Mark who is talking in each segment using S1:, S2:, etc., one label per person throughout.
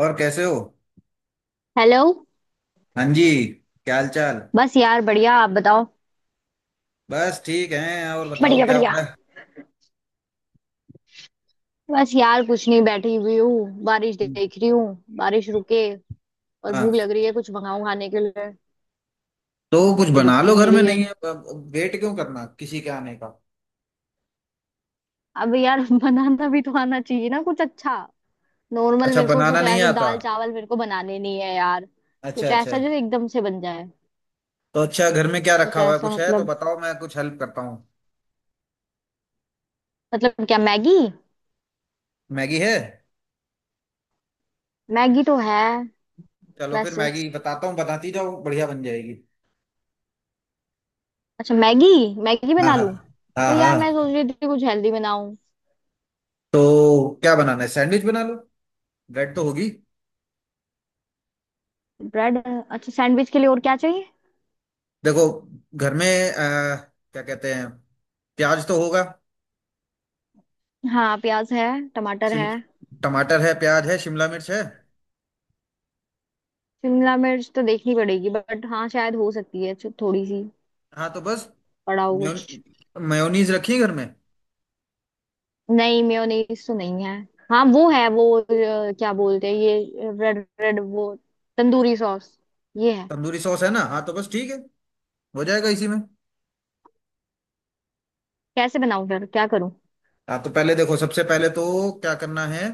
S1: और कैसे हो।
S2: हेलो।
S1: हाँ जी। क्या हाल चाल।
S2: बस यार बढ़िया, आप बताओ।
S1: बस ठीक है और बताओ
S2: बढ़िया
S1: क्या हो
S2: बढ़िया।
S1: रहा
S2: बस यार कुछ नहीं, बैठी हुई हूँ बारिश देख
S1: है।
S2: रही हूँ। बारिश रुके और भूख
S1: हाँ
S2: लग रही है, कुछ मंगाऊं खाने के लिए।
S1: तो कुछ
S2: ये
S1: बना
S2: रुक ही
S1: लो घर
S2: नहीं
S1: में
S2: रही है।
S1: नहीं है। वेट क्यों करना किसी के आने का।
S2: अब यार बनाना भी तो आना चाहिए ना कुछ अच्छा। नॉर्मल
S1: अच्छा
S2: मेरे को कुछ
S1: बनाना नहीं
S2: ऐसे
S1: आता।
S2: दाल चावल मेरे को बनाने नहीं है यार। कुछ
S1: अच्छा अच्छा।
S2: ऐसा जो एकदम से बन जाए।
S1: तो अच्छा घर में क्या
S2: कुछ
S1: रखा हुआ है
S2: ऐसा
S1: कुछ है तो
S2: मतलब
S1: बताओ मैं कुछ हेल्प करता हूँ।
S2: मतलब क्या, मैगी?
S1: मैगी है।
S2: मैगी तो है
S1: चलो फिर
S2: वैसे।
S1: मैगी बताता हूँ बताती जाओ बढ़िया बन जाएगी।
S2: अच्छा मैगी, मैगी
S1: हाँ
S2: बना
S1: हाँ।
S2: लूं?
S1: हाँ
S2: पर यार मैं सोच
S1: हाँ
S2: रही थी कुछ हेल्दी बनाऊं।
S1: तो क्या बनाना है सैंडविच बना लो। ब्रेड तो होगी।
S2: ब्रेड? अच्छा सैंडविच के लिए और क्या चाहिए?
S1: देखो घर में अ, क्या कहते हैं प्याज तो होगा।
S2: हाँ प्याज है। टमाटर
S1: शिम
S2: है।
S1: टमाटर है प्याज है शिमला मिर्च है।
S2: शिमला मिर्च तो देखनी पड़ेगी, बट हाँ शायद हो सकती है थोड़ी सी
S1: हाँ तो बस
S2: पड़ा हो कुछ।
S1: मेयोनीज रखी है घर में।
S2: नहीं मेयोनीज तो नहीं है। हाँ वो है वो क्या बोलते हैं ये रेड रेड वो, तंदूरी सॉस, ये है।
S1: तंदूरी सॉस है ना। हाँ तो बस ठीक है। हो जाएगा इसी में।
S2: कैसे बनाऊं फिर, क्या करूं?
S1: हाँ तो पहले देखो सबसे पहले तो क्या करना है।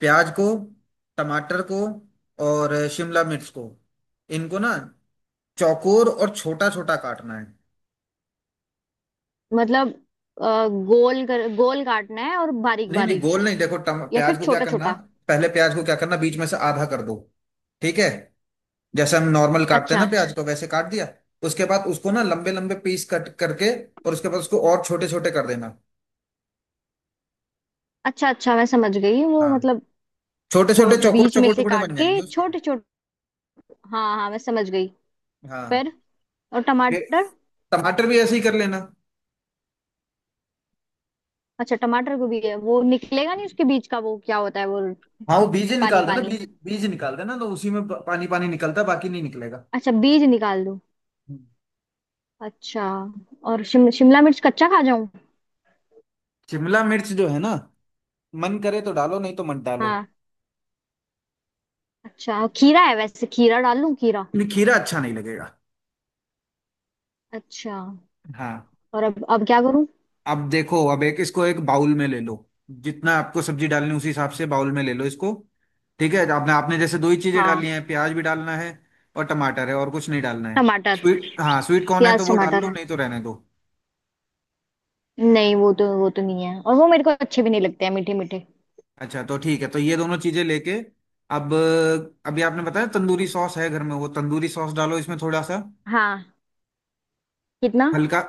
S1: प्याज को टमाटर को और शिमला मिर्च को इनको ना चौकोर और छोटा छोटा काटना है।
S2: मतलब गोल कर गोल काटना है और बारीक
S1: नहीं नहीं
S2: बारीक
S1: गोल नहीं देखो
S2: या फिर
S1: प्याज को क्या
S2: छोटा
S1: करना।
S2: छोटा?
S1: पहले प्याज को क्या करना बीच में से आधा कर दो। ठीक है। जैसे हम नॉर्मल काटते हैं
S2: अच्छा
S1: ना प्याज को वैसे काट दिया। उसके बाद उसको ना लंबे लंबे पीस कट करके और उसके बाद उसको और छोटे छोटे कर देना।
S2: अच्छा, अच्छा मैं समझ गई वो
S1: हाँ
S2: मतलब।
S1: छोटे छोटे चौकोर
S2: बीच में
S1: चौकोर
S2: से
S1: टुकड़े
S2: काट
S1: बन जाएंगे
S2: के
S1: उसके।
S2: छोटे छोटे? हाँ हाँ मैं समझ गई।
S1: हाँ
S2: फिर? और
S1: फिर
S2: टमाटर?
S1: टमाटर भी ऐसे ही कर लेना।
S2: अच्छा टमाटर को भी है वो निकलेगा नहीं उसके बीज का वो क्या होता है वो?
S1: हाँ वो बीज ही
S2: पानी
S1: निकाल देना
S2: पानी।
S1: बीज बीज निकाल देना तो उसी में पानी पानी निकलता है बाकी नहीं निकलेगा।
S2: अच्छा बीज निकाल दूं?
S1: हम्म।
S2: अच्छा। और शिमला मिर्च कच्चा खा जाऊं?
S1: शिमला मिर्च जो है ना मन करे तो डालो नहीं तो मत डालो।
S2: हाँ। अच्छा और खीरा है वैसे, खीरा डाल लूं, खीरा?
S1: नहीं, खीरा अच्छा नहीं लगेगा।
S2: अच्छा।
S1: हाँ
S2: और अब क्या करूं?
S1: अब देखो अब एक इसको एक बाउल में ले लो। जितना आपको सब्जी डालनी है, उसी हिसाब से बाउल में ले लो इसको। ठीक है आपने आपने जैसे दो ही चीजें
S2: हाँ
S1: डालनी है प्याज भी डालना है और टमाटर है और कुछ नहीं डालना है।
S2: टमाटर,
S1: स्वीट हाँ स्वीट कॉर्न है तो
S2: प्याज
S1: वो डाल
S2: टमाटर
S1: लो
S2: है।
S1: नहीं तो रहने दो।
S2: नहीं वो तो वो तो नहीं है, और वो मेरे को अच्छे भी नहीं लगते हैं मीठे मीठे।
S1: अच्छा तो ठीक है तो ये दोनों चीजें लेके अब अभी आपने बताया तंदूरी सॉस है घर में वो तंदूरी सॉस डालो इसमें थोड़ा सा।
S2: हाँ। कितना?
S1: हल्का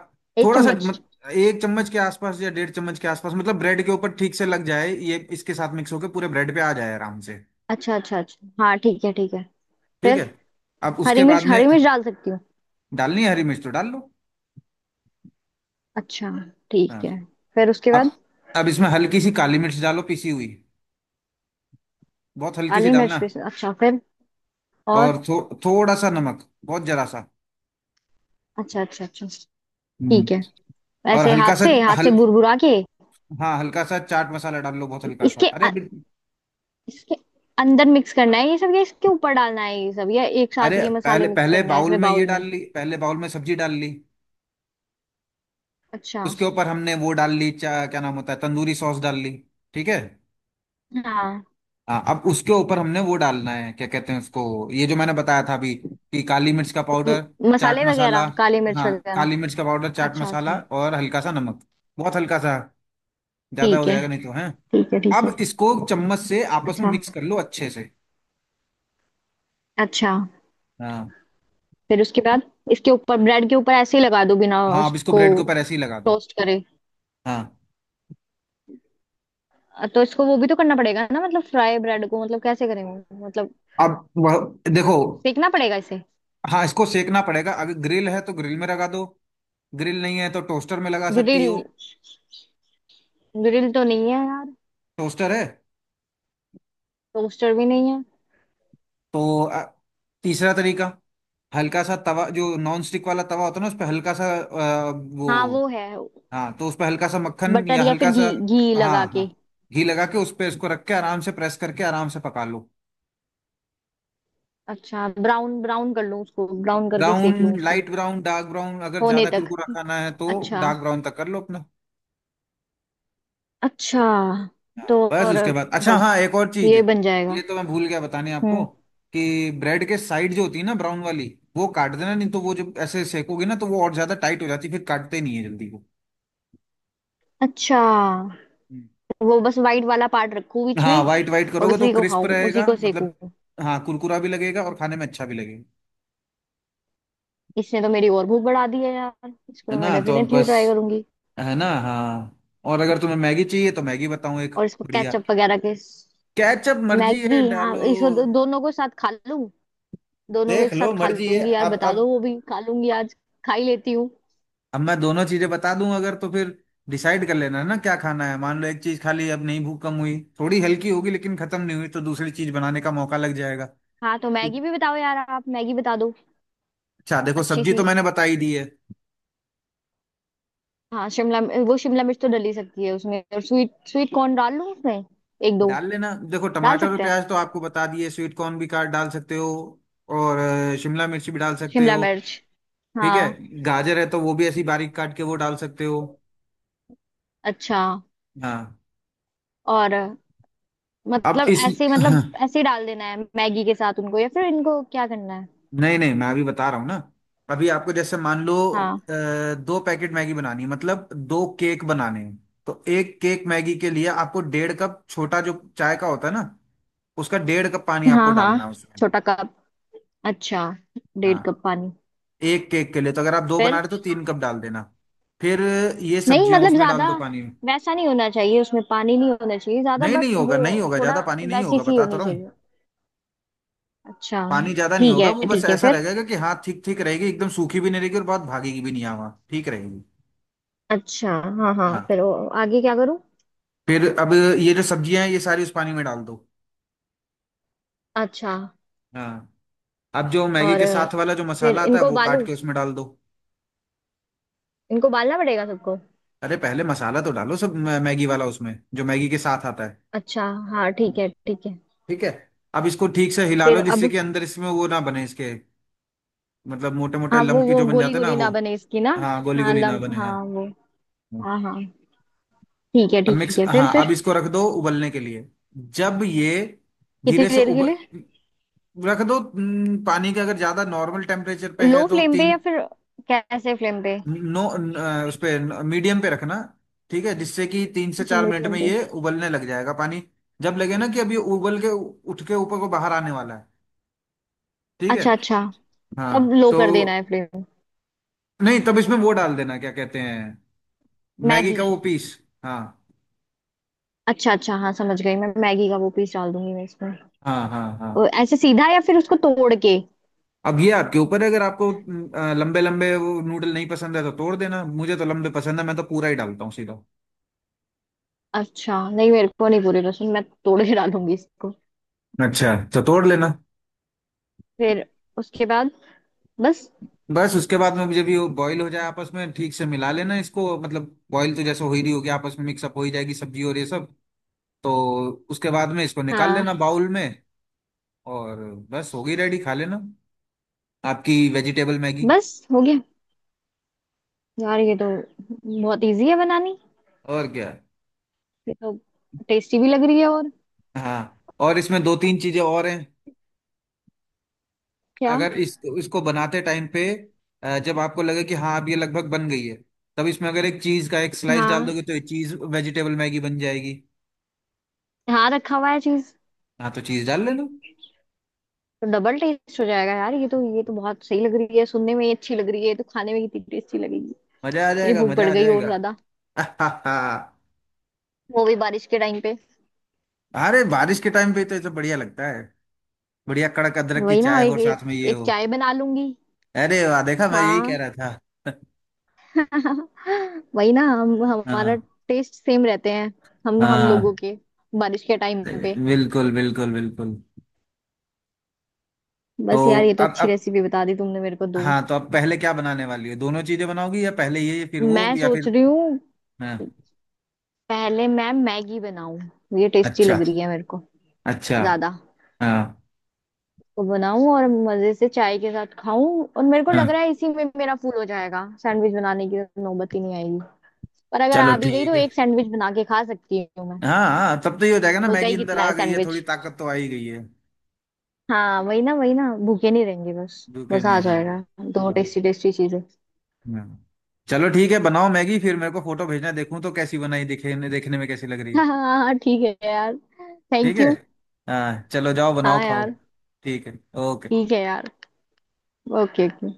S2: एक
S1: थोड़ा सा
S2: चम्मच?
S1: मत, एक चम्मच के आसपास या डेढ़ चम्मच के आसपास मतलब ब्रेड के ऊपर ठीक से लग जाए ये इसके साथ मिक्स होके पूरे ब्रेड पे आ जाए आराम से।
S2: अच्छा अच्छा अच्छा, हाँ ठीक है ठीक है।
S1: ठीक
S2: फिर?
S1: है अब
S2: हरी
S1: उसके बाद
S2: मिर्च,
S1: में
S2: हरी मिर्च डाल सकती हूँ?
S1: डालनी है हरी मिर्च तो डाल लो।
S2: अच्छा, ठीक
S1: हाँ
S2: है। फिर उसके
S1: अब
S2: बाद?
S1: अब इसमें हल्की सी काली मिर्च डालो पिसी हुई। बहुत हल्की सी
S2: काली मिर्च
S1: डालना
S2: भी? अच्छा, फिर? और?
S1: और थोड़ा सा नमक बहुत जरा सा।
S2: अच्छा अच्छा अच्छा,
S1: हम्म
S2: ठीक है।
S1: और
S2: ऐसे
S1: हल्का सा
S2: हाथ से
S1: हल
S2: बुरबुरा के?
S1: हाँ हल्का सा चाट मसाला डाल लो बहुत हल्का सा
S2: इसके
S1: अरे
S2: अ- इसके अंदर मिक्स करना है ये सब या इसके ऊपर डालना है ये सब, या एक साथ
S1: अरे
S2: ये मसाले
S1: पहले
S2: मिक्स
S1: पहले
S2: करने हैं
S1: बाउल
S2: इसमें
S1: में ये
S2: बाउल
S1: डाल
S2: में?
S1: ली पहले बाउल में सब्जी डाल ली।
S2: अच्छा,
S1: उसके ऊपर हमने वो डाल ली क्या नाम होता है तंदूरी सॉस डाल ली। ठीक है।
S2: हाँ।
S1: हाँ अब उसके ऊपर हमने वो डालना है क्या कहते हैं उसको ये जो मैंने बताया था अभी कि काली मिर्च का
S2: म-
S1: पाउडर चाट
S2: मसाले
S1: मसाला।
S2: वगैरह, काली मिर्च
S1: हाँ
S2: वगैरह?
S1: काली मिर्च का पाउडर चाट
S2: अच्छा
S1: मसाला
S2: अच्छा।
S1: और हल्का सा नमक। बहुत हल्का सा ज्यादा
S2: ठीक
S1: हो
S2: है,
S1: जाएगा नहीं तो है।
S2: ठीक है, ठीक है।
S1: अब इसको चम्मच से आपस में
S2: अच्छा
S1: मिक्स कर लो अच्छे से।
S2: अच्छा।
S1: हाँ
S2: फिर उसके बाद इसके ऊपर, ब्रेड के ऊपर ऐसे ही लगा दो बिना
S1: हाँ अब इसको
S2: उसको
S1: ब्रेड के ऊपर ऐसे ही लगा दो।
S2: टोस्ट करे?
S1: हाँ
S2: तो इसको वो भी तो करना पड़ेगा ना, मतलब फ्राई ब्रेड को, मतलब कैसे करेंगे? मतलब
S1: अब वह देखो
S2: सेकना पड़ेगा इसे?
S1: हाँ इसको सेकना पड़ेगा अगर ग्रिल है तो ग्रिल में लगा दो। ग्रिल नहीं है तो टोस्टर में लगा सकती
S2: ग्रिल,
S1: हो।
S2: ग्रिल तो नहीं है यार।
S1: टोस्टर है
S2: टोस्टर भी नहीं है।
S1: तो तीसरा तरीका हल्का सा तवा जो नॉन स्टिक वाला तवा होता है ना उस पर हल्का सा वो
S2: हाँ वो है।
S1: हाँ तो उस पर हल्का सा मक्खन
S2: बटर
S1: या
S2: या फिर
S1: हल्का
S2: घी,
S1: सा।
S2: घी
S1: हाँ
S2: लगा के?
S1: हाँ घी लगा के उस पे इसको रख के आराम से प्रेस करके आराम से पका लो।
S2: अच्छा, ब्राउन ब्राउन कर लूं उसको, ब्राउन करके
S1: ब्राउन
S2: सेक लूं उसको
S1: लाइट ब्राउन डार्क ब्राउन अगर
S2: होने
S1: ज्यादा
S2: तक?
S1: कुरकुरा खाना है तो
S2: अच्छा।
S1: डार्क ब्राउन तक कर लो अपना।
S2: अच्छा
S1: हाँ
S2: तो
S1: बस
S2: और
S1: उसके बाद अच्छा
S2: बस
S1: हाँ एक और चीज
S2: ये बन
S1: ये
S2: जाएगा?
S1: तो मैं भूल गया बताने आपको
S2: हम्म।
S1: कि ब्रेड के साइड जो होती है ना ब्राउन वाली वो काट देना नहीं तो वो जब ऐसे सेकोगे ना तो वो और ज्यादा टाइट हो जाती है, फिर काटते नहीं है जल्दी वो।
S2: अच्छा वो बस वाइट वाला पार्ट रखूं बीच
S1: हाँ
S2: में,
S1: व्हाइट व्हाइट
S2: और
S1: करोगे तो
S2: उसी को
S1: क्रिस्प
S2: खाऊं, उसी
S1: रहेगा
S2: को सेकूं?
S1: मतलब। हाँ कुरकुरा भी लगेगा और खाने में अच्छा भी लगेगा।
S2: इसने तो मेरी और भूख बढ़ा दी है यार, इसको
S1: है
S2: तो मैं
S1: ना तो अब
S2: डेफिनेटली
S1: बस
S2: ट्राई करूंगी।
S1: है ना हाँ और अगर तुम्हें मैगी चाहिए तो मैगी बताऊँ एक
S2: और इसको
S1: बढ़िया।
S2: केचप वगैरह
S1: कैचअप मर्जी है
S2: मैगी, हाँ
S1: डालो।
S2: इसको दोनों को साथ खा लूं? दोनों को
S1: देख
S2: एक साथ
S1: लो
S2: खा
S1: मर्जी है।
S2: लूंगी यार,
S1: अब
S2: बता
S1: अब
S2: दो, वो भी खा लूंगी आज। खा ही लेती हूँ।
S1: अब मैं दोनों चीजें बता दूं अगर तो फिर डिसाइड कर लेना है ना क्या खाना है मान लो एक चीज खा ली अब नहीं भूख कम हुई थोड़ी हल्की होगी लेकिन खत्म नहीं हुई तो दूसरी चीज बनाने का मौका लग जाएगा।
S2: हाँ तो मैगी भी बताओ यार, आप मैगी बता दो।
S1: अच्छा देखो
S2: अच्छी
S1: सब्जी
S2: सी।
S1: तो मैंने बता ही दी है।
S2: हाँ वो शिमला मिर्च तो डल ही सकती है उसमें, और स्वीट, स्वीट कॉर्न डाल लूं उसमें? एक दो।
S1: डाल लेना देखो
S2: डाल
S1: टमाटर और
S2: सकते हैं।
S1: प्याज तो आपको बता दिए स्वीट कॉर्न भी काट डाल सकते हो और शिमला मिर्च भी डाल सकते
S2: शिमला
S1: हो।
S2: मिर्च,
S1: ठीक
S2: हाँ।
S1: है गाजर है तो वो भी ऐसी बारीक काट के वो डाल सकते हो।
S2: अच्छा।
S1: हाँ
S2: और
S1: अब
S2: मतलब
S1: इस
S2: ऐसे, मतलब
S1: हाँ,
S2: ऐसे ही डाल देना है मैगी के साथ उनको, या फिर इनको क्या करना है?
S1: नहीं नहीं मैं अभी बता रहा हूँ ना। अभी आपको जैसे मान लो
S2: हाँ
S1: दो पैकेट मैगी बनानी है मतलब दो केक बनाने हैं। तो एक केक मैगी के लिए आपको डेढ़ कप छोटा जो चाय का होता है ना उसका डेढ़ कप पानी आपको
S2: हाँ हाँ।
S1: डालना है उसमें।
S2: छोटा कप। अच्छा। डेढ़
S1: हाँ
S2: कप पानी?
S1: एक केक के लिए तो अगर आप दो बना
S2: फिर?
S1: रहे हो तो तीन कप डाल देना। फिर ये
S2: नहीं
S1: सब्जियां
S2: मतलब
S1: उसमें डाल
S2: ज्यादा
S1: दो पानी में।
S2: वैसा नहीं होना चाहिए, उसमें पानी नहीं होना चाहिए ज्यादा,
S1: नहीं
S2: बट
S1: नहीं होगा
S2: वो
S1: नहीं होगा
S2: थोड़ा
S1: ज्यादा पानी नहीं
S2: वैसी
S1: होगा
S2: सी
S1: बता तो
S2: होनी
S1: रहा हूँ।
S2: चाहिए। अच्छा।
S1: पानी ज्यादा नहीं
S2: ठीक
S1: होगा
S2: है
S1: वो बस
S2: ठीक है।
S1: ऐसा
S2: फिर?
S1: रहेगा कि हाँ ठीक ठीक रहेगी एकदम सूखी भी नहीं रहेगी और बहुत भागेगी भी नहीं हवा ठीक रहेगी।
S2: अच्छा। हाँ हाँ
S1: हाँ
S2: फिर आगे क्या करूँ?
S1: फिर अब ये जो सब्जियां हैं ये सारी उस पानी में डाल दो।
S2: अच्छा।
S1: हाँ अब जो मैगी
S2: और
S1: के साथ वाला जो
S2: फिर
S1: मसाला आता है
S2: इनको
S1: वो काट
S2: उबालूं,
S1: के उसमें डाल दो।
S2: इनको उबालना पड़ेगा सबको?
S1: अरे पहले मसाला तो डालो सब मैगी वाला उसमें जो मैगी के साथ आता है।
S2: अच्छा हाँ, ठीक है ठीक है।
S1: ठीक है अब इसको ठीक से हिला
S2: फिर
S1: लो जिससे
S2: अब?
S1: कि अंदर इसमें वो ना बने इसके मतलब मोटे मोटे
S2: हाँ
S1: लम्पी
S2: वो
S1: जो बन
S2: गोली
S1: जाते हैं ना
S2: गोली
S1: वो।
S2: ना बने इसकी ना?
S1: हाँ गोली
S2: हाँ
S1: गोली ना
S2: लम
S1: बने हाँ
S2: हाँ वो। हाँ हाँ। ठीक है
S1: अब
S2: ठीक
S1: मिक्स
S2: है। फिर
S1: हाँ
S2: फिर?
S1: अब इसको रख दो उबलने के लिए जब ये
S2: कितनी
S1: धीरे से
S2: देर के
S1: उब
S2: लिए?
S1: रख दो पानी के अगर ज्यादा नॉर्मल टेम्परेचर पे है
S2: लो
S1: तो
S2: फ्लेम पे या
S1: तीन
S2: फिर कैसे फ्लेम पे?
S1: नो उस पे मीडियम पे रखना। ठीक है जिससे कि तीन से
S2: अच्छा
S1: चार मिनट
S2: मीडियम
S1: में
S2: पे।
S1: ये उबलने लग जाएगा पानी। जब लगे ना कि अब ये उबल के उठ के ऊपर को बाहर आने वाला है। ठीक है
S2: अच्छा अच्छा,
S1: हाँ
S2: तब लो
S1: तो
S2: कर देना है फ्लेम?
S1: नहीं तब इसमें वो डाल देना क्या कहते हैं मैगी
S2: मैगी?
S1: का वो पीस। हाँ
S2: अच्छा अच्छा, हाँ समझ गई मैं, मैगी का वो पीस डाल दूंगी मैं इसमें।
S1: हाँ हाँ हाँ
S2: और ऐसे सीधा या फिर उसको तोड़ के?
S1: अब ये आपके ऊपर है अगर आपको लंबे लंबे वो नूडल नहीं पसंद है तो तोड़ देना मुझे तो लंबे पसंद है मैं तो पूरा ही डालता हूँ सीधा।
S2: अच्छा नहीं, मेरे को नहीं पूरी पसंद, मैं तोड़ के डालूंगी इसको।
S1: अच्छा तो तोड़ लेना।
S2: फिर उसके बाद? बस?
S1: बस उसके बाद में जब ये बॉईल हो जाए आपस में ठीक से मिला लेना इसको मतलब बॉईल तो जैसे हो ही रही होगी आपस में मिक्सअप हो ही जाएगी सब्जी और ये सब। तो उसके बाद में इसको निकाल
S2: हाँ
S1: लेना बाउल में और बस होगी रेडी खा लेना आपकी वेजिटेबल मैगी।
S2: बस हो गया। यार ये तो बहुत इजी है बनानी।
S1: और क्या।
S2: ये तो टेस्टी भी लग रही है, और
S1: हाँ और इसमें दो तीन चीजें और हैं।
S2: क्या।
S1: अगर इस इसको बनाते टाइम पे जब आपको लगे कि हाँ अब ये लगभग बन गई है तब इसमें अगर एक चीज का एक स्लाइस डाल
S2: हाँ
S1: दोगे तो ये चीज वेजिटेबल मैगी बन जाएगी।
S2: हाँ, रखा हुआ है चीज।
S1: हाँ तो चीज डाल लेना।
S2: तो डबल टेस्ट हो जाएगा यार, ये तो, ये तो बहुत सही लग रही है, सुनने में ही अच्छी लग रही है, ये तो खाने में कितनी टेस्टी लगेगी।
S1: मजा आ
S2: मेरी
S1: जाएगा
S2: भूख
S1: मजा
S2: बढ़
S1: आ
S2: गई और
S1: जाएगा।
S2: ज्यादा। वो भी बारिश के टाइम पे।
S1: अरे बारिश के टाइम पे तो ये तो बढ़िया लगता है। बढ़िया कड़क अदरक की
S2: वही ना,
S1: चाय हो
S2: एक
S1: और साथ में
S2: एक,
S1: ये
S2: एक
S1: हो।
S2: चाय बना लूंगी।
S1: अरे वाह देखा मैं यही कह
S2: हाँ।
S1: रहा था।
S2: वही ना, हम हमारा
S1: हाँ
S2: टेस्ट सेम रहते हैं हम लोगों
S1: हाँ
S2: के, बारिश के टाइम पे।
S1: बिल्कुल बिल्कुल बिल्कुल। तो
S2: बस यार ये तो अच्छी
S1: अब
S2: रेसिपी बता दी तुमने मेरे को, दो।
S1: हाँ तो अब पहले क्या बनाने वाली हो दोनों चीजें बनाओगी या पहले ये फिर वो
S2: मैं
S1: या
S2: सोच
S1: फिर
S2: रही हूँ,
S1: हाँ
S2: पहले मैं मैगी बनाऊं। ये टेस्टी
S1: अच्छा
S2: लग रही है मेरे को
S1: अच्छा
S2: ज्यादा
S1: हाँ
S2: को बनाऊं, और मजे से चाय के साथ खाऊं। और मेरे को
S1: हाँ
S2: लग रहा है इसी में मेरा फूल हो जाएगा, सैंडविच बनाने की तो नौबत ही नहीं आएगी। पर अगर
S1: चलो
S2: आ भी गई
S1: ठीक
S2: तो
S1: है।
S2: एक सैंडविच बना के खा सकती हूँ मैं।
S1: हाँ हाँ तब तो ये हो जाएगा ना
S2: होता
S1: मैगी
S2: ही
S1: अंदर
S2: कितना
S1: आ
S2: है
S1: गई है
S2: सैंडविच।
S1: थोड़ी ताकत तो आ ही गई है।
S2: हाँ वही ना, वही ना, भूखे नहीं रहेंगे, बस
S1: भूखे
S2: बस
S1: नहीं
S2: आ
S1: है हाँ।
S2: जाएगा। दो
S1: हाँ
S2: टेस्टी टेस्टी चीजें।
S1: हाँ। चलो ठीक है बनाओ मैगी फिर मेरे को फोटो भेजना देखूं तो कैसी बनाई दिखे देखने में कैसी लग रही है।
S2: हाँ हाँ हाँ, ठीक है यार।
S1: ठीक
S2: थैंक
S1: है
S2: यू।
S1: हाँ चलो जाओ बनाओ
S2: हाँ
S1: खाओ।
S2: यार।
S1: ठीक है ओके।
S2: ठीक है यार। Okay okay.